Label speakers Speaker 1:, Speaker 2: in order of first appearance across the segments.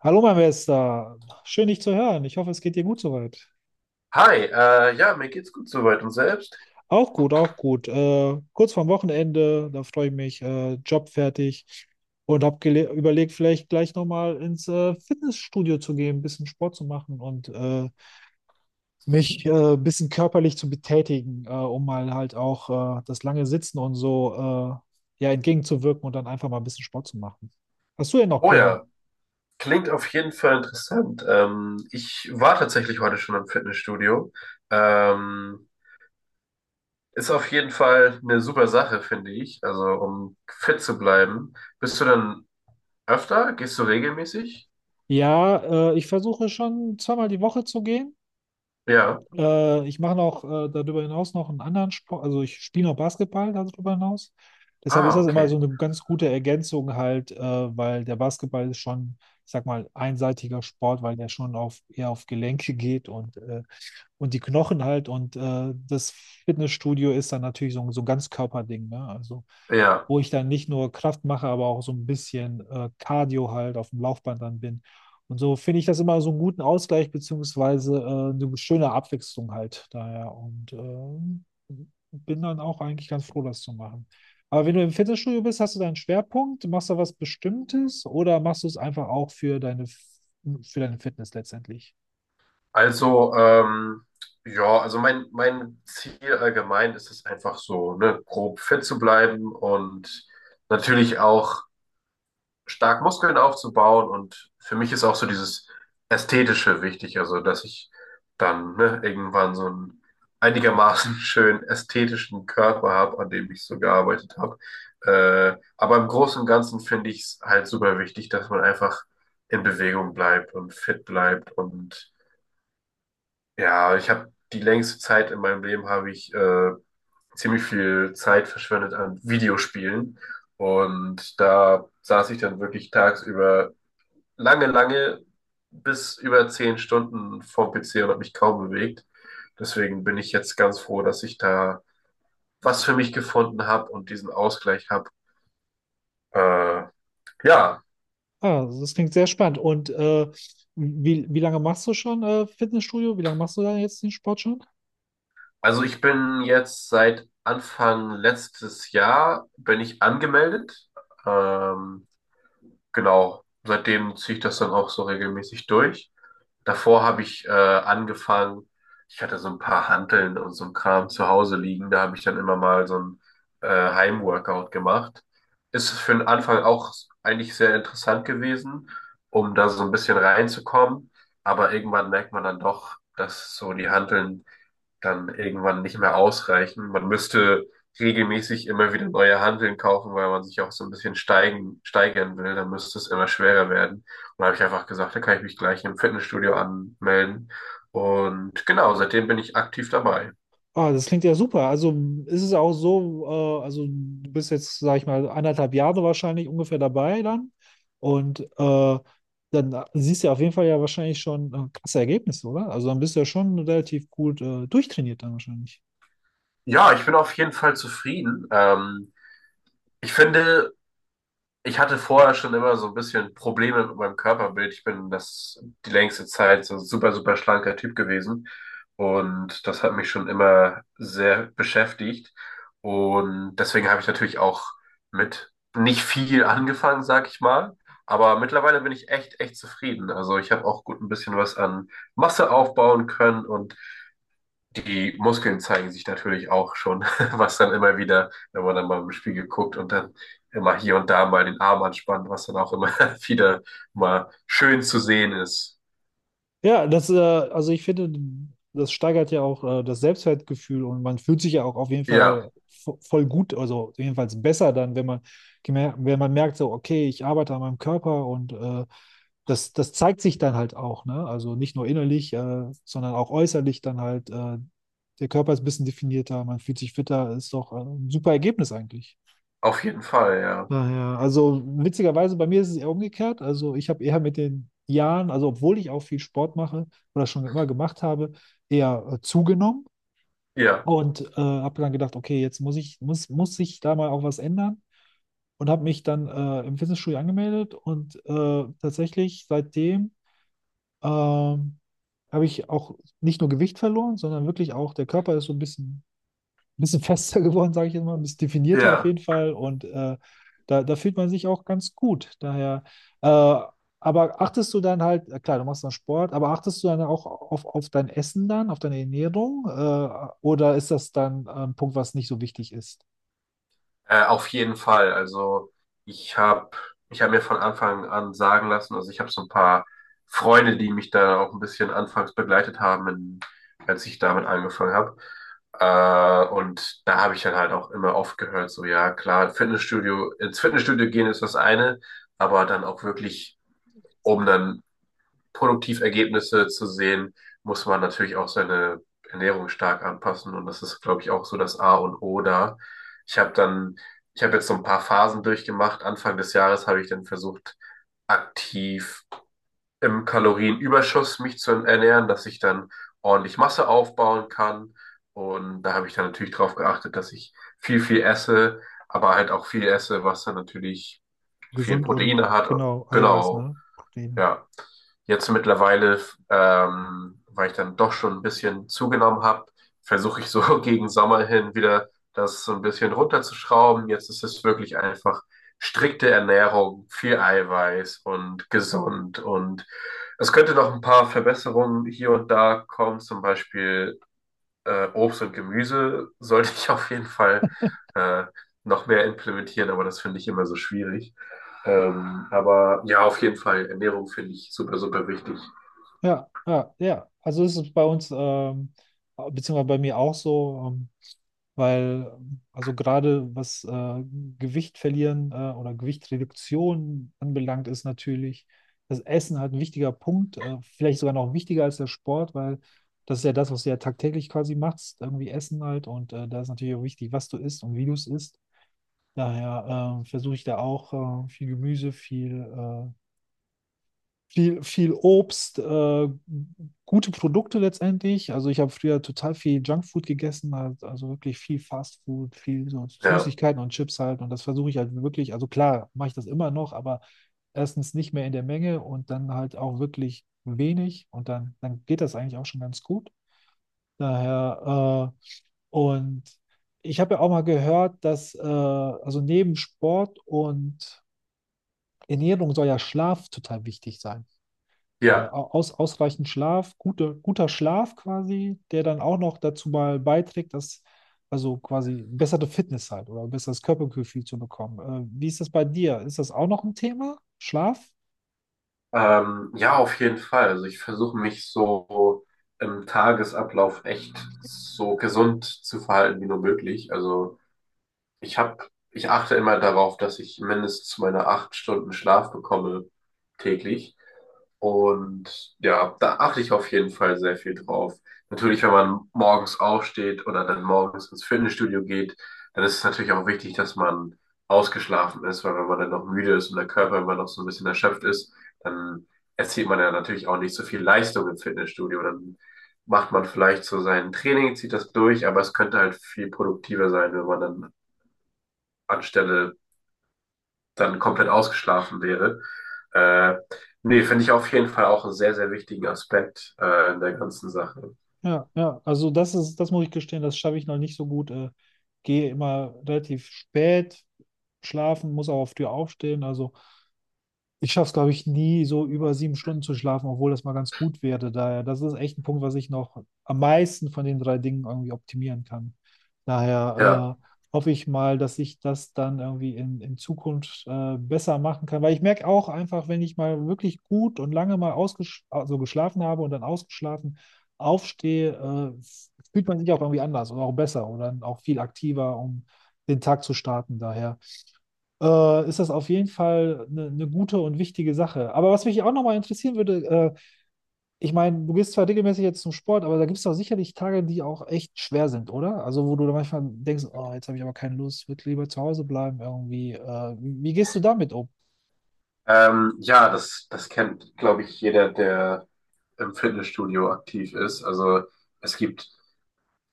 Speaker 1: Hallo, mein Bester. Schön, dich zu hören. Ich hoffe, es geht dir gut soweit.
Speaker 2: Hi, ja, mir geht's gut soweit und selbst.
Speaker 1: Auch gut, auch gut. Kurz vorm Wochenende, da freue ich mich. Job fertig und habe überlegt, vielleicht gleich nochmal ins Fitnessstudio zu gehen, ein bisschen Sport zu machen und mich ein bisschen körperlich zu betätigen, um mal halt auch das lange Sitzen und so ja, entgegenzuwirken und dann einfach mal ein bisschen Sport zu machen. Hast du denn noch
Speaker 2: Oh
Speaker 1: Pläne?
Speaker 2: ja, klingt auf jeden Fall interessant. Ich war tatsächlich heute schon im Fitnessstudio. Ähm, Ist auf jeden Fall eine super Sache, finde ich. Also, um fit zu bleiben. Bist du dann öfter? Gehst du regelmäßig?
Speaker 1: Ja, ich versuche schon zweimal die Woche zu gehen.
Speaker 2: Ja.
Speaker 1: Ich mache noch darüber hinaus noch einen anderen Sport, also ich spiele noch Basketball darüber hinaus. Deshalb ist
Speaker 2: Ah,
Speaker 1: das immer so
Speaker 2: okay.
Speaker 1: eine ganz gute Ergänzung halt, weil der Basketball ist schon, ich sag mal, einseitiger Sport, weil der schon auf, eher auf Gelenke geht und die Knochen halt. Und das Fitnessstudio ist dann natürlich so, so ein Ganzkörperding, ne? Also
Speaker 2: Ja.
Speaker 1: wo ich dann nicht nur Kraft mache, aber auch so ein bisschen Cardio halt auf dem Laufband dann bin. Und so finde ich das immer so einen guten Ausgleich, beziehungsweise eine schöne Abwechslung halt daher. Und bin dann auch eigentlich ganz froh, das zu machen. Aber wenn du im Fitnessstudio bist, hast du deinen Schwerpunkt, machst du was Bestimmtes oder machst du es einfach auch für für deine Fitness letztendlich?
Speaker 2: Also, ja, also mein Ziel allgemein ist es einfach so, ne, grob fit zu bleiben und natürlich auch stark Muskeln aufzubauen, und für mich ist auch so dieses Ästhetische wichtig, also dass ich dann, ne, irgendwann so einen einigermaßen schönen ästhetischen Körper habe, an dem ich so gearbeitet habe. Aber im Großen und Ganzen finde ich es halt super wichtig, dass man einfach in Bewegung bleibt und fit bleibt. Und ja, ich habe die längste Zeit in meinem Leben habe ich ziemlich viel Zeit verschwendet an Videospielen, und da saß ich dann wirklich tagsüber lange, lange bis über 10 Stunden vorm PC und habe mich kaum bewegt. Deswegen bin ich jetzt ganz froh, dass ich da was für mich gefunden habe und diesen Ausgleich habe. Äh, ja,
Speaker 1: Ah, also das klingt sehr spannend. Und wie lange machst du schon Fitnessstudio? Wie lange machst du da jetzt den Sport schon?
Speaker 2: also ich bin jetzt seit Anfang letztes Jahr bin ich angemeldet. Ähm, genau, seitdem ziehe ich das dann auch so regelmäßig durch. Davor habe ich angefangen, ich hatte so ein paar Hanteln und so ein Kram zu Hause liegen, da habe ich dann immer mal so ein Heimworkout gemacht. Ist für den Anfang auch eigentlich sehr interessant gewesen, um da so ein bisschen reinzukommen, aber irgendwann merkt man dann doch, dass so die Hanteln dann irgendwann nicht mehr ausreichen. Man müsste regelmäßig immer wieder neue Hanteln kaufen, weil man sich auch so ein bisschen steigern will. Dann müsste es immer schwerer werden. Und da habe ich einfach gesagt, da kann ich mich gleich im Fitnessstudio anmelden. Und genau, seitdem bin ich aktiv dabei.
Speaker 1: Ah, das klingt ja super. Also ist es auch so, also du bist jetzt, sag ich mal, anderthalb Jahre wahrscheinlich ungefähr dabei dann. Und dann siehst du ja auf jeden Fall ja wahrscheinlich schon krasse Ergebnisse, oder? Also dann bist du ja schon relativ gut durchtrainiert dann wahrscheinlich.
Speaker 2: Ja, ich bin auf jeden Fall zufrieden. Ich finde, ich hatte vorher schon immer so ein bisschen Probleme mit meinem Körperbild. Ich bin das die längste Zeit so ein super, super schlanker Typ gewesen. Und das hat mich schon immer sehr beschäftigt. Und deswegen habe ich natürlich auch mit nicht viel angefangen, sag ich mal. Aber mittlerweile bin ich echt, echt zufrieden. Also ich habe auch gut ein bisschen was an Masse aufbauen können, und die Muskeln zeigen sich natürlich auch schon, was dann immer wieder, wenn man dann mal im Spiegel guckt und dann immer hier und da mal den Arm anspannt, was dann auch immer wieder mal schön zu sehen ist.
Speaker 1: Ja, also ich finde, das steigert ja auch das Selbstwertgefühl und man fühlt sich ja auch auf jeden
Speaker 2: Ja,
Speaker 1: Fall voll gut, also jedenfalls besser dann, wenn wenn man merkt, so, okay, ich arbeite an meinem Körper und das zeigt sich dann halt auch, ne? Also nicht nur innerlich, sondern auch äußerlich dann halt. Der Körper ist ein bisschen definierter, man fühlt sich fitter, ist doch ein super Ergebnis eigentlich.
Speaker 2: auf jeden Fall, ja.
Speaker 1: Daher, also witzigerweise, bei mir ist es eher umgekehrt. Also ich habe eher mit den Jahren, also obwohl ich auch viel Sport mache oder schon immer gemacht habe, eher zugenommen
Speaker 2: Ja,
Speaker 1: und habe dann gedacht, okay, jetzt muss sich da mal auch was ändern und habe mich dann im Fitnessstudio angemeldet und tatsächlich seitdem ähm, habe ich auch nicht nur Gewicht verloren, sondern wirklich auch der Körper ist so ein bisschen fester geworden, sage ich jetzt mal, ein bisschen definierter auf
Speaker 2: ja.
Speaker 1: jeden Fall. Und da fühlt man sich auch ganz gut. Daher, äh, aber achtest du dann halt, klar, du machst dann Sport, aber achtest du dann auch auf dein Essen dann, auf deine Ernährung? Oder ist das dann ein Punkt, was nicht so wichtig ist?
Speaker 2: Auf jeden Fall. Also ich habe ich hab mir von Anfang an sagen lassen, also ich habe so ein paar Freunde, die mich da auch ein bisschen anfangs begleitet haben, als ich damit angefangen habe. Und da habe ich dann halt auch immer oft gehört, so ja, klar, Fitnessstudio, ins Fitnessstudio gehen ist das eine, aber dann auch wirklich, um dann produktiv Ergebnisse zu sehen, muss man natürlich auch seine Ernährung stark anpassen. Und das ist, glaube ich, auch so das A und O da. Ich habe dann, ich habe jetzt so ein paar Phasen durchgemacht. Anfang des Jahres habe ich dann versucht, aktiv im Kalorienüberschuss mich zu ernähren, dass ich dann ordentlich Masse aufbauen kann. Und da habe ich dann natürlich darauf geachtet, dass ich viel, viel esse, aber halt auch viel esse, was dann natürlich viel
Speaker 1: Gesund und
Speaker 2: Proteine hat.
Speaker 1: genau, Eiweiß,
Speaker 2: Genau.
Speaker 1: ne? Proteine.
Speaker 2: Ja, jetzt mittlerweile, weil ich dann doch schon ein bisschen zugenommen habe, versuche ich so gegen Sommer hin wieder das so ein bisschen runterzuschrauben. Jetzt ist es wirklich einfach strikte Ernährung, viel Eiweiß und gesund. Und es könnte noch ein paar Verbesserungen hier und da kommen, zum Beispiel Obst und Gemüse sollte ich auf jeden Fall äh, noch mehr implementieren, aber das finde ich immer so schwierig. Aber ja, auf jeden Fall, Ernährung finde ich super, super wichtig.
Speaker 1: Ja, ja, ja. Also ist es ist bei uns, beziehungsweise bei mir auch so. Weil, also gerade was Gewicht verlieren oder Gewichtreduktion anbelangt, ist natürlich das Essen halt ein wichtiger Punkt, vielleicht sogar noch wichtiger als der Sport, weil das ist ja das, was du ja tagtäglich quasi machst, irgendwie Essen halt. Und da ist natürlich auch wichtig, was du isst und wie du es isst. Daher versuche ich da auch viel Gemüse, viel Obst, gute Produkte letztendlich. Also ich habe früher total viel Junkfood gegessen, halt, also wirklich viel Fastfood, viel so
Speaker 2: Ja,
Speaker 1: Süßigkeiten und Chips halt. Und das versuche ich halt wirklich, also klar, mache ich das immer noch, aber erstens nicht mehr in der Menge und dann halt auch wirklich wenig. Und dann geht das eigentlich auch schon ganz gut. Daher, und ich habe ja auch mal gehört, dass, also neben Sport und Ernährung soll ja Schlaf total wichtig sein.
Speaker 2: ja,
Speaker 1: Ausreichend Schlaf, guter Schlaf quasi, der dann auch noch dazu mal beiträgt, dass also quasi bessere Fitness halt oder besseres Körpergefühl zu bekommen. Wie ist das bei dir? Ist das auch noch ein Thema? Schlaf?
Speaker 2: ja, auf jeden Fall. Also ich versuche mich so im Tagesablauf echt so gesund zu verhalten wie nur möglich. Also Ich habe ich achte immer darauf, dass ich mindestens meine 8 Stunden Schlaf bekomme täglich. Und ja, da achte ich auf jeden Fall sehr viel drauf. Natürlich, wenn man morgens aufsteht oder dann morgens ins Fitnessstudio geht, dann ist es natürlich auch wichtig, dass man ausgeschlafen ist, weil wenn man dann noch müde ist und der Körper immer noch so ein bisschen erschöpft ist, dann erzielt man ja natürlich auch nicht so viel Leistung im Fitnessstudio. Dann macht man vielleicht so sein Training, zieht das durch, aber es könnte halt viel produktiver sein, wenn man dann anstelle dann komplett ausgeschlafen wäre. Äh, Nee, finde ich auf jeden Fall auch einen sehr, sehr wichtigen Aspekt in der ganzen Sache.
Speaker 1: Ja, ja, also das ist, das muss ich gestehen, das schaffe ich noch nicht so gut. Gehe immer relativ spät schlafen, muss auch auf Tür aufstehen. Also ich schaffe es, glaube ich, nie so über sieben Stunden zu schlafen, obwohl das mal ganz gut wäre. Daher, das ist echt ein Punkt, was ich noch am meisten von den drei Dingen irgendwie optimieren kann.
Speaker 2: Ja,
Speaker 1: Daher hoffe ich mal, dass ich das dann irgendwie in Zukunft besser machen kann. Weil ich merke auch einfach, wenn ich mal wirklich gut und lange mal ausgesch also geschlafen habe und dann ausgeschlafen aufstehe, äh, fühlt man sich auch irgendwie anders oder auch besser oder auch viel aktiver, um den Tag zu starten. Daher ist das auf jeden Fall eine gute und wichtige Sache. Aber was mich auch nochmal interessieren würde, äh, ich meine, du gehst zwar regelmäßig jetzt zum Sport, aber da gibt es doch sicherlich Tage, die auch echt schwer sind, oder? Also wo du dann manchmal denkst, oh, jetzt habe ich aber keine Lust, würde lieber zu Hause bleiben irgendwie. Wie gehst du damit um?
Speaker 2: ja, das, das kennt, glaube ich, jeder, der im Fitnessstudio aktiv ist. Also es gibt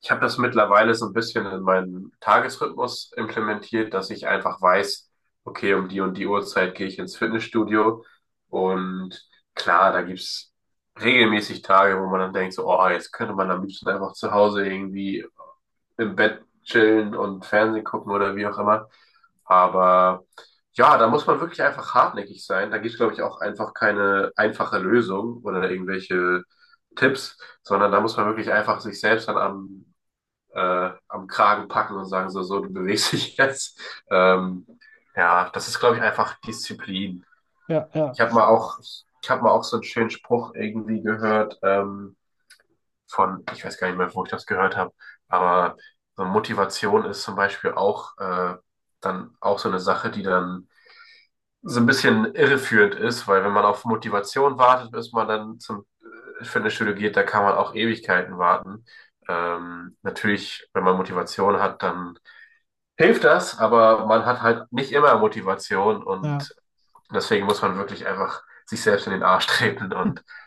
Speaker 2: ich habe das mittlerweile so ein bisschen in meinen Tagesrhythmus implementiert, dass ich einfach weiß, okay, um die und die Uhrzeit gehe ich ins Fitnessstudio. Und klar, da gibt's regelmäßig Tage, wo man dann denkt, so, oh, jetzt könnte man am liebsten einfach zu Hause irgendwie im Bett chillen und Fernsehen gucken oder wie auch immer. Aber ja, da muss man wirklich einfach hartnäckig sein. Da gibt's, glaube ich, auch einfach keine einfache Lösung oder irgendwelche Tipps, sondern da muss man wirklich einfach sich selbst dann am am Kragen packen und sagen so, so, du bewegst dich jetzt. Ähm, ja, das ist, glaube ich, einfach Disziplin.
Speaker 1: Ja, ja,
Speaker 2: Ich habe mal auch, ich habe mal auch so einen schönen Spruch irgendwie gehört, von, ich weiß gar nicht mehr, wo ich das gehört habe, aber so Motivation ist zum Beispiel auch dann auch so eine Sache, die dann so ein bisschen irreführend ist, weil wenn man auf Motivation wartet, bis man dann zum Fitnessstudio geht, da kann man auch Ewigkeiten warten. Natürlich, wenn man Motivation hat, dann hilft das, aber man hat halt nicht immer Motivation,
Speaker 1: ja.
Speaker 2: und deswegen muss man wirklich einfach sich selbst in den Arsch treten und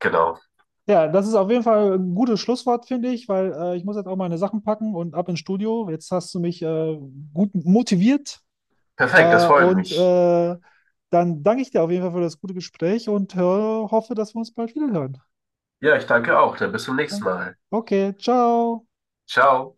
Speaker 2: genau.
Speaker 1: Ja, das ist auf jeden Fall ein gutes Schlusswort, finde ich, weil ich muss jetzt auch meine Sachen packen und ab ins Studio. Jetzt hast du mich gut motiviert.
Speaker 2: Perfekt, das
Speaker 1: Äh,
Speaker 2: freut
Speaker 1: und
Speaker 2: mich.
Speaker 1: äh, Dann danke ich dir auf jeden Fall für das gute Gespräch und hoffe, dass wir uns bald wieder hören.
Speaker 2: Ja, ich danke auch. Dann bis zum nächsten Mal.
Speaker 1: Okay, ciao.
Speaker 2: Ciao.